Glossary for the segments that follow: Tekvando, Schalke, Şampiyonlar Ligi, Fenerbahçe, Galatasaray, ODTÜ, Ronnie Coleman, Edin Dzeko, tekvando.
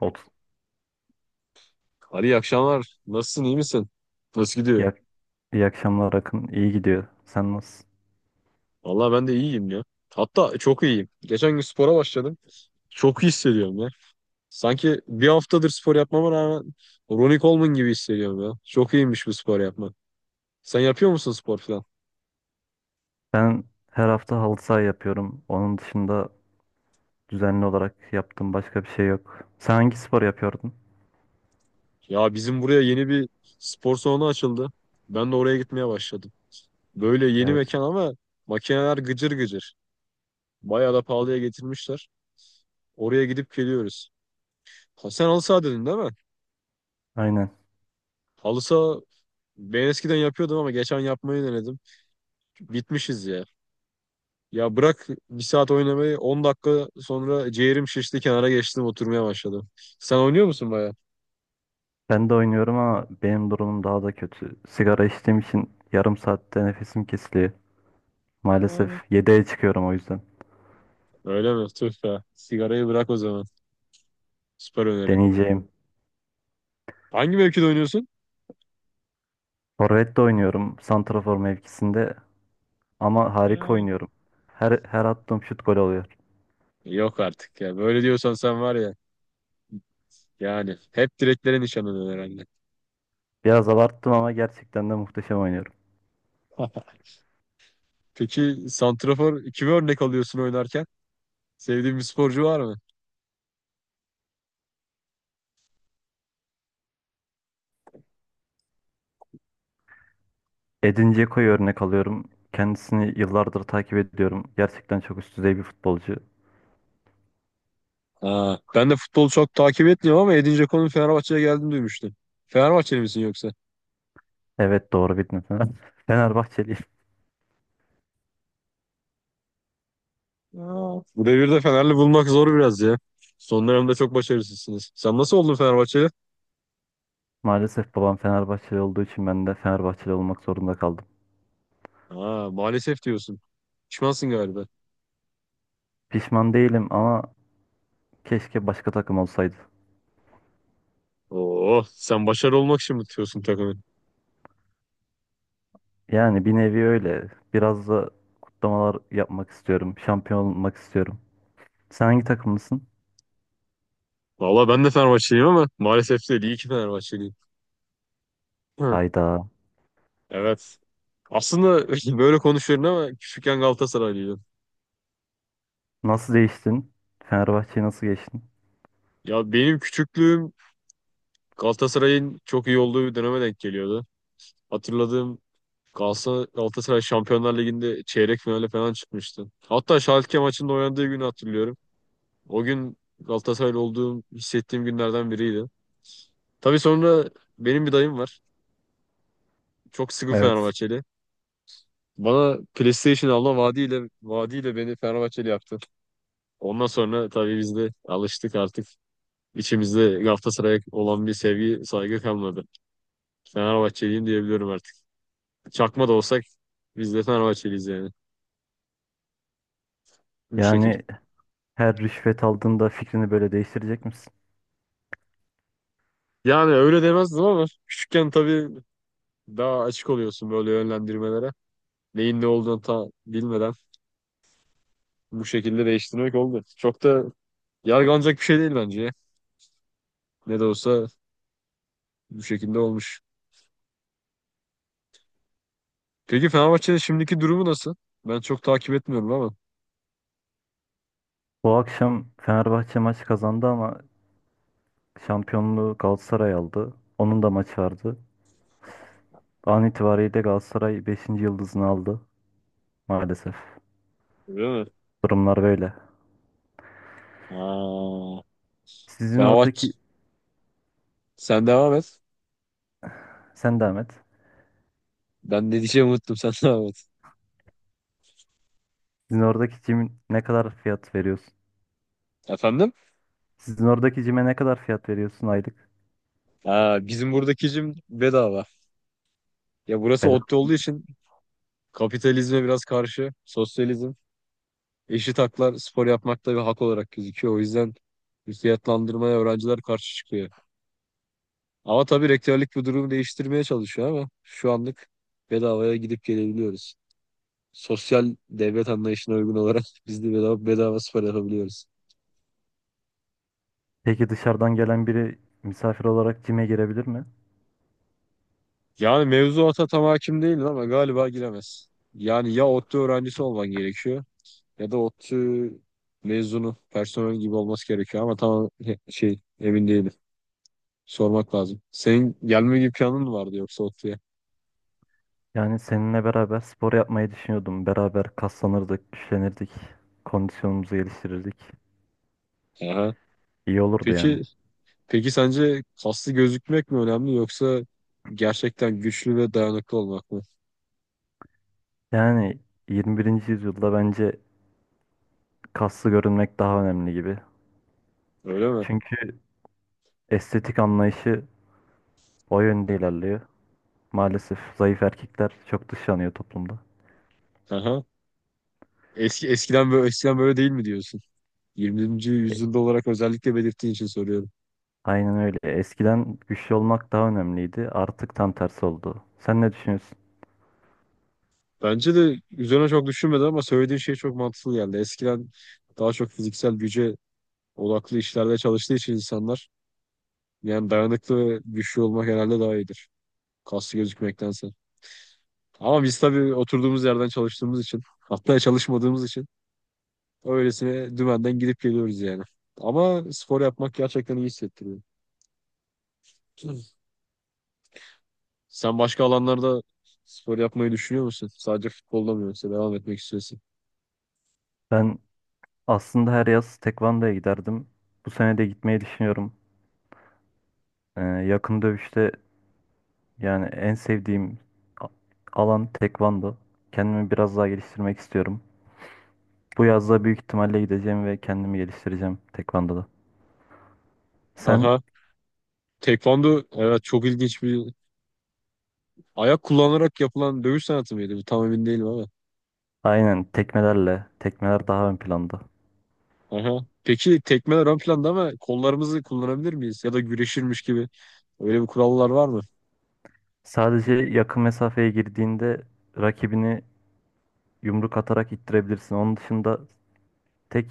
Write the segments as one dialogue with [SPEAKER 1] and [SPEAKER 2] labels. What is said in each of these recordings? [SPEAKER 1] Ot.
[SPEAKER 2] Ali iyi akşamlar. Nasılsın, iyi misin? Nasıl gidiyor?
[SPEAKER 1] İyi, iyi akşamlar Akın. İyi gidiyor. Sen nasılsın?
[SPEAKER 2] Vallahi ben de iyiyim ya. Hatta çok iyiyim. Geçen gün spora başladım. Çok iyi hissediyorum ya. Sanki bir haftadır spor yapmama rağmen Ronnie Coleman gibi hissediyorum ya. Çok iyiymiş bu spor yapmak. Sen yapıyor musun spor falan?
[SPEAKER 1] Ben her hafta halı saha yapıyorum. Onun dışında düzenli olarak yaptığım başka bir şey yok. Sen hangi spor yapıyordun?
[SPEAKER 2] Ya bizim buraya yeni bir spor salonu açıldı. Ben de oraya gitmeye başladım. Böyle yeni
[SPEAKER 1] Evet.
[SPEAKER 2] mekan ama makineler gıcır gıcır. Bayağı da pahalıya getirmişler. Oraya gidip geliyoruz. Ha, sen halı saha dedin değil mi?
[SPEAKER 1] Aynen.
[SPEAKER 2] Halı saha ben eskiden yapıyordum ama geçen yapmayı denedim. Bitmişiz ya. Ya bırak bir saat oynamayı, 10 dakika sonra ciğerim şişti, kenara geçtim oturmaya başladım. Sen oynuyor musun baya?
[SPEAKER 1] Ben de oynuyorum ama benim durumum daha da kötü. Sigara içtiğim için yarım saatte nefesim kesiliyor. Maalesef
[SPEAKER 2] Aynen.
[SPEAKER 1] 7'ye çıkıyorum o yüzden.
[SPEAKER 2] Öyle mi? Tüh be. Sigarayı bırak o zaman. Süper öneri.
[SPEAKER 1] Deneyeceğim.
[SPEAKER 2] Hangi mevkide oynuyorsun?
[SPEAKER 1] Forvet de oynuyorum. Santrafor mevkisinde. Ama harika
[SPEAKER 2] Aynen.
[SPEAKER 1] oynuyorum. Her attığım şut gol oluyor.
[SPEAKER 2] Yok artık ya. Böyle diyorsan sen var ya. Yani hep direklere nişanlanıyorsun herhalde.
[SPEAKER 1] Biraz abarttım ama gerçekten de muhteşem oynuyorum.
[SPEAKER 2] Peki, santrafor kimi örnek alıyorsun oynarken? Sevdiğin bir sporcu var mı?
[SPEAKER 1] Edin Dzeko'yu örnek alıyorum. Kendisini yıllardır takip ediyorum. Gerçekten çok üst düzey bir futbolcu.
[SPEAKER 2] Ha, ben de futbolu çok takip etmiyorum ama Edin Dzeko'nun Fenerbahçe'ye geldiğini duymuştum. Fenerbahçeli misin yoksa?
[SPEAKER 1] Evet, doğru bildin. Fenerbahçeliyim.
[SPEAKER 2] Aa, bu devirde Fenerli bulmak zor biraz ya. Son dönemde çok başarısızsınız. Sen nasıl oldun Fenerbahçeli?
[SPEAKER 1] Maalesef babam Fenerbahçeli olduğu için ben de Fenerbahçeli olmak zorunda kaldım.
[SPEAKER 2] Ha, maalesef diyorsun. Pişmansın galiba.
[SPEAKER 1] Pişman değilim ama keşke başka takım olsaydı.
[SPEAKER 2] Oo, sen başarılı olmak için mi tutuyorsun takımı?
[SPEAKER 1] Yani bir nevi öyle. Biraz da kutlamalar yapmak istiyorum. Şampiyon olmak istiyorum. Sen hangi takımlısın?
[SPEAKER 2] Valla ben de Fenerbahçeliyim ama maalesef değil, İyi ki Fenerbahçeliyim. Hı.
[SPEAKER 1] Hayda.
[SPEAKER 2] Evet. Aslında böyle konuşuyorum ama küçükken Galatasaraylıydım.
[SPEAKER 1] Nasıl değiştin? Fenerbahçe'yi nasıl geçtin?
[SPEAKER 2] Ya benim küçüklüğüm Galatasaray'ın çok iyi olduğu bir döneme denk geliyordu. Hatırladığım, Galatasaray, Galatasaray Şampiyonlar Ligi'nde çeyrek finale falan çıkmıştı. Hatta Schalke maçında oynadığı günü hatırlıyorum. O gün Galatasaraylı olduğum, hissettiğim günlerden biriydi. Tabii sonra, benim bir dayım var. Çok sıkı
[SPEAKER 1] Evet.
[SPEAKER 2] Fenerbahçeli. Bana PlayStation alma vaadiyle beni Fenerbahçeli yaptı. Ondan sonra tabii biz de alıştık artık. İçimizde Galatasaray'a olan bir sevgi, saygı kalmadı. Fenerbahçeliyim diyebiliyorum artık. Çakma da olsak biz de Fenerbahçeliyiz yani. Bu şekilde.
[SPEAKER 1] Yani her rüşvet aldığında fikrini böyle değiştirecek misin?
[SPEAKER 2] Yani öyle demezdim ama küçükken tabii daha açık oluyorsun böyle yönlendirmelere. Neyin ne olduğunu ta bilmeden bu şekilde değiştirmek oldu. Çok da yargılanacak bir şey değil bence ya. Ne de olsa bu şekilde olmuş. Peki Fenerbahçe'nin şimdiki durumu nasıl? Ben çok takip etmiyorum ama.
[SPEAKER 1] Bu akşam Fenerbahçe maç kazandı ama şampiyonluğu Galatasaray aldı. Onun da maçı vardı. An itibariyle Galatasaray beşinci yıldızını aldı maalesef.
[SPEAKER 2] Öyle mi?
[SPEAKER 1] Durumlar böyle.
[SPEAKER 2] Aa,
[SPEAKER 1] Sizin
[SPEAKER 2] Fenerbahçe,
[SPEAKER 1] oradaki
[SPEAKER 2] sen devam et.
[SPEAKER 1] sen devam et.
[SPEAKER 2] Ben ne diyeceğimi unuttum, sen devam et.
[SPEAKER 1] Sizin oradaki cimin ne kadar fiyat veriyorsun?
[SPEAKER 2] Efendim?
[SPEAKER 1] Sizin oradaki cime ne kadar fiyat veriyorsun aylık?
[SPEAKER 2] Aa, bizim buradaki jim bedava. Ya burası ODTÜ
[SPEAKER 1] Bedava.
[SPEAKER 2] olduğu için kapitalizme biraz karşı, sosyalizm. Eşit haklar spor yapmakta bir hak olarak gözüküyor. O yüzden fiyatlandırmaya öğrenciler karşı çıkıyor. Ama tabii rektörlük bu durumu değiştirmeye çalışıyor ama şu anlık bedavaya gidip gelebiliyoruz. Sosyal devlet anlayışına uygun olarak biz de bedava, bedava spor yapabiliyoruz.
[SPEAKER 1] Peki dışarıdan gelen biri misafir olarak cime girebilir mi?
[SPEAKER 2] Yani mevzuata tam hakim değilim ama galiba giremez. Yani ya ODTÜ öğrencisi olman gerekiyor ya da ODTÜ mezunu, personel gibi olması gerekiyor ama tam emin değilim. Sormak lazım. Senin gelme gibi planın mı vardı yoksa ODTÜ'ye?
[SPEAKER 1] Yani seninle beraber spor yapmayı düşünüyordum. Beraber kaslanırdık, güçlenirdik, kondisyonumuzu geliştirirdik.
[SPEAKER 2] Aha.
[SPEAKER 1] İyi olurdu yani.
[SPEAKER 2] Peki, peki sence kaslı gözükmek mi önemli yoksa gerçekten güçlü ve dayanıklı olmak mı?
[SPEAKER 1] Yani 21. yüzyılda bence kaslı görünmek daha önemli gibi.
[SPEAKER 2] Öyle mi?
[SPEAKER 1] Çünkü estetik anlayışı o yönde ilerliyor. Maalesef zayıf erkekler çok dışlanıyor toplumda.
[SPEAKER 2] Aha. Eskiden böyle değil mi diyorsun? 20.
[SPEAKER 1] E,
[SPEAKER 2] yüzyılda olarak özellikle belirttiğin için soruyorum.
[SPEAKER 1] aynen öyle. Eskiden güçlü olmak daha önemliydi. Artık tam tersi oldu. Sen ne düşünüyorsun?
[SPEAKER 2] Bence de üzerine çok düşünmedim ama söylediğin şey çok mantıklı geldi. Eskiden daha çok fiziksel güce odaklı işlerde çalıştığı için insanlar, yani dayanıklı ve güçlü olmak herhalde daha iyidir, kaslı gözükmektense. Ama biz tabii oturduğumuz yerden çalıştığımız için, hatta çalışmadığımız için öylesine dümenden gidip geliyoruz yani. Ama spor yapmak gerçekten iyi hissettiriyor. Sen başka alanlarda spor yapmayı düşünüyor musun? Sadece futbolda mı, yoksa devam etmek istiyorsun?
[SPEAKER 1] Ben aslında her yaz tekvandoya giderdim. Bu sene de gitmeyi düşünüyorum. Yakın dövüşte yani en sevdiğim a- alan tekvando. Kendimi biraz daha geliştirmek istiyorum. Bu yazda büyük ihtimalle gideceğim ve kendimi geliştireceğim tekvandoda. Sen
[SPEAKER 2] Aha. Tekvando evet, çok ilginç bir ayak kullanarak yapılan dövüş sanatı mıydı? Bu tam emin değilim ama.
[SPEAKER 1] aynen tekmelerle, tekmeler daha ön planda.
[SPEAKER 2] Aha. Peki tekmeler ön planda ama kollarımızı kullanabilir miyiz? Ya da güreşirmiş gibi. Öyle bir kurallar var mı?
[SPEAKER 1] Sadece yakın mesafeye girdiğinde rakibini yumruk atarak ittirebilirsin. Onun dışında tek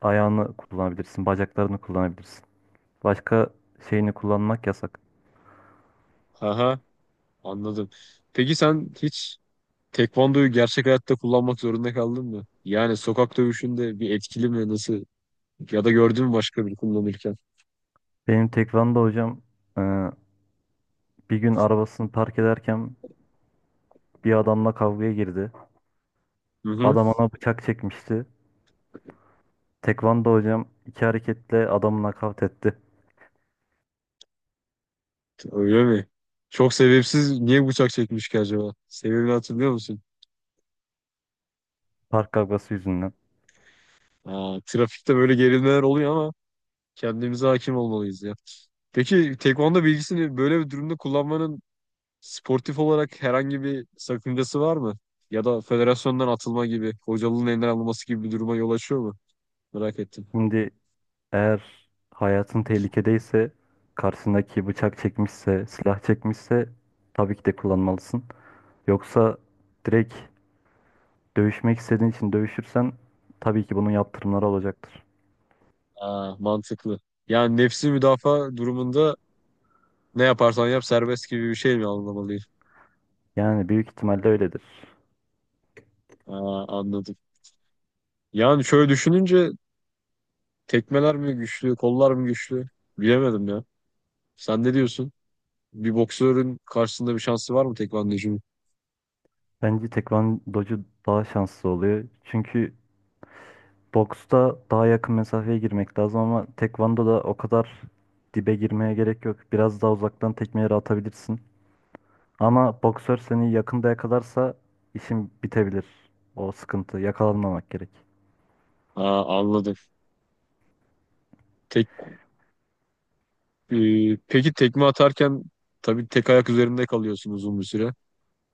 [SPEAKER 1] ayağını kullanabilirsin, bacaklarını kullanabilirsin. Başka şeyini kullanmak yasak.
[SPEAKER 2] Aha. Anladım. Peki sen hiç tekvandoyu gerçek hayatta kullanmak zorunda kaldın mı? Yani sokak dövüşünde bir etkili mi? Nasıl? Ya da gördün mü başka biri kullanırken?
[SPEAKER 1] Benim tekvando hocam e, bir gün arabasını park ederken bir adamla kavgaya girdi.
[SPEAKER 2] Hı hı.
[SPEAKER 1] Adam ona bıçak çekmişti. Tekvando hocam iki hareketle adamı nakavt etti.
[SPEAKER 2] Öyle mi? Çok sebepsiz niye bıçak çekmiş ki acaba? Sebebini hatırlıyor musun?
[SPEAKER 1] Park kavgası yüzünden.
[SPEAKER 2] Aa, trafikte böyle gerilmeler oluyor ama kendimize hakim olmalıyız ya. Peki tekvando bilgisini böyle bir durumda kullanmanın sportif olarak herhangi bir sakıncası var mı? Ya da federasyondan atılma gibi, hocalığın elinden alınması gibi bir duruma yol açıyor mu? Merak ettim.
[SPEAKER 1] Şimdi eğer hayatın tehlikedeyse, karşısındaki bıçak çekmişse, silah çekmişse tabii ki de kullanmalısın. Yoksa direkt dövüşmek istediğin için dövüşürsen tabii ki bunun yaptırımları olacaktır.
[SPEAKER 2] Aa, mantıklı. Yani nefsi müdafaa durumunda ne yaparsan yap serbest gibi bir şey mi anlamalıyım?
[SPEAKER 1] Yani büyük ihtimalle öyledir.
[SPEAKER 2] Aa, anladım. Yani şöyle düşününce, tekmeler mi güçlü, kollar mı güçlü? Bilemedim ya. Sen ne diyorsun? Bir boksörün karşısında bir şansı var mı tekvandocunun?
[SPEAKER 1] Bence tekvandocu daha şanslı oluyor. Çünkü boksta daha yakın mesafeye girmek lazım ama tekvandoda o kadar dibe girmeye gerek yok. Biraz daha uzaktan tekmeleri atabilirsin. Ama boksör seni yakında yakalarsa işin bitebilir. O sıkıntı. Yakalanmamak gerek.
[SPEAKER 2] Aa, anladım. Tek, e, peki tekme atarken tabii tek ayak üzerinde kalıyorsun uzun bir süre.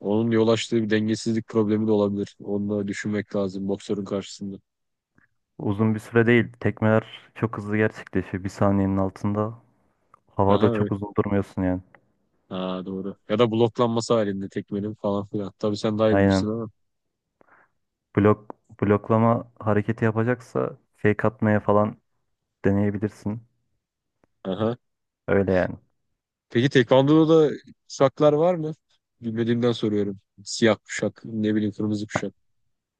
[SPEAKER 2] Onun yol açtığı bir dengesizlik problemi de olabilir. Onu da düşünmek lazım boksörün karşısında.
[SPEAKER 1] Uzun bir süre değil. Tekmeler çok hızlı gerçekleşiyor. Bir saniyenin altında. Havada
[SPEAKER 2] Aha,
[SPEAKER 1] çok uzun durmuyorsun yani.
[SPEAKER 2] ha doğru. Ya da bloklanması halinde tekmenin falan filan. Tabii sen daha iyi bilirsin
[SPEAKER 1] Aynen.
[SPEAKER 2] ama.
[SPEAKER 1] Blok, Bloklama hareketi yapacaksa fake atmaya falan deneyebilirsin.
[SPEAKER 2] Aha.
[SPEAKER 1] Öyle yani.
[SPEAKER 2] Peki Tekvando'da da kuşaklar var mı? Bilmediğimden soruyorum. Siyah kuşak, ne bileyim, kırmızı kuşak.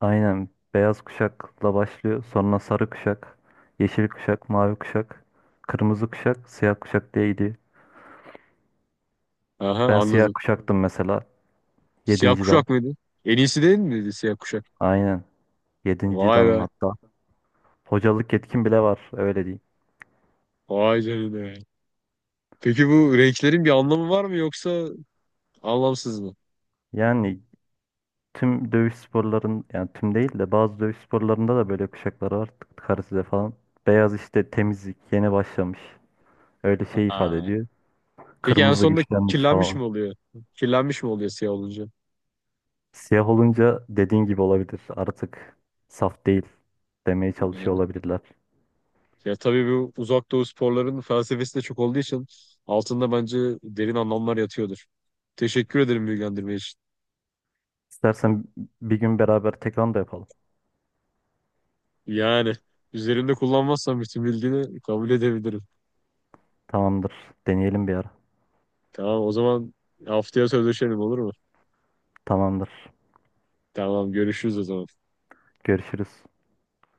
[SPEAKER 1] Aynen. Beyaz kuşakla başlıyor. Sonra sarı kuşak, yeşil kuşak, mavi kuşak, kırmızı kuşak, siyah kuşak diye gidiyor.
[SPEAKER 2] Aha,
[SPEAKER 1] Ben siyah
[SPEAKER 2] anladım.
[SPEAKER 1] kuşaktım mesela.
[SPEAKER 2] Siyah
[SPEAKER 1] Yedinci dal.
[SPEAKER 2] kuşak mıydı? En iyisi değil miydi siyah kuşak?
[SPEAKER 1] Aynen. Yedinci
[SPEAKER 2] Vay
[SPEAKER 1] danım
[SPEAKER 2] be.
[SPEAKER 1] hatta. Hocalık yetkin bile var, öyle diyeyim.
[SPEAKER 2] Vay canına. Peki bu renklerin bir anlamı var mı, yoksa anlamsız mı?
[SPEAKER 1] Yani tüm dövüş sporların, yani tüm değil de bazı dövüş sporlarında da böyle kuşaklar var. Karısıda falan. Beyaz işte temizlik, yeni başlamış. Öyle şey ifade
[SPEAKER 2] Ha.
[SPEAKER 1] ediyor.
[SPEAKER 2] Peki en
[SPEAKER 1] Kırmızı
[SPEAKER 2] sonunda
[SPEAKER 1] güçlenmiş
[SPEAKER 2] kirlenmiş
[SPEAKER 1] falan.
[SPEAKER 2] mi oluyor? Kirlenmiş mi oluyor siyah olunca?
[SPEAKER 1] Siyah olunca dediğin gibi olabilir. Artık saf değil demeye çalışıyor olabilirler.
[SPEAKER 2] Ya tabii bu uzak doğu sporlarının felsefesi de çok olduğu için altında bence derin anlamlar yatıyordur. Teşekkür ederim bilgilendirme için.
[SPEAKER 1] İstersen bir gün beraber tekrar da yapalım.
[SPEAKER 2] Yani üzerimde kullanmazsan bütün bilgini kabul edebilirim.
[SPEAKER 1] Tamamdır. Deneyelim bir ara.
[SPEAKER 2] Tamam o zaman, haftaya sözleşelim olur mu?
[SPEAKER 1] Tamamdır.
[SPEAKER 2] Tamam, görüşürüz o zaman.
[SPEAKER 1] Görüşürüz.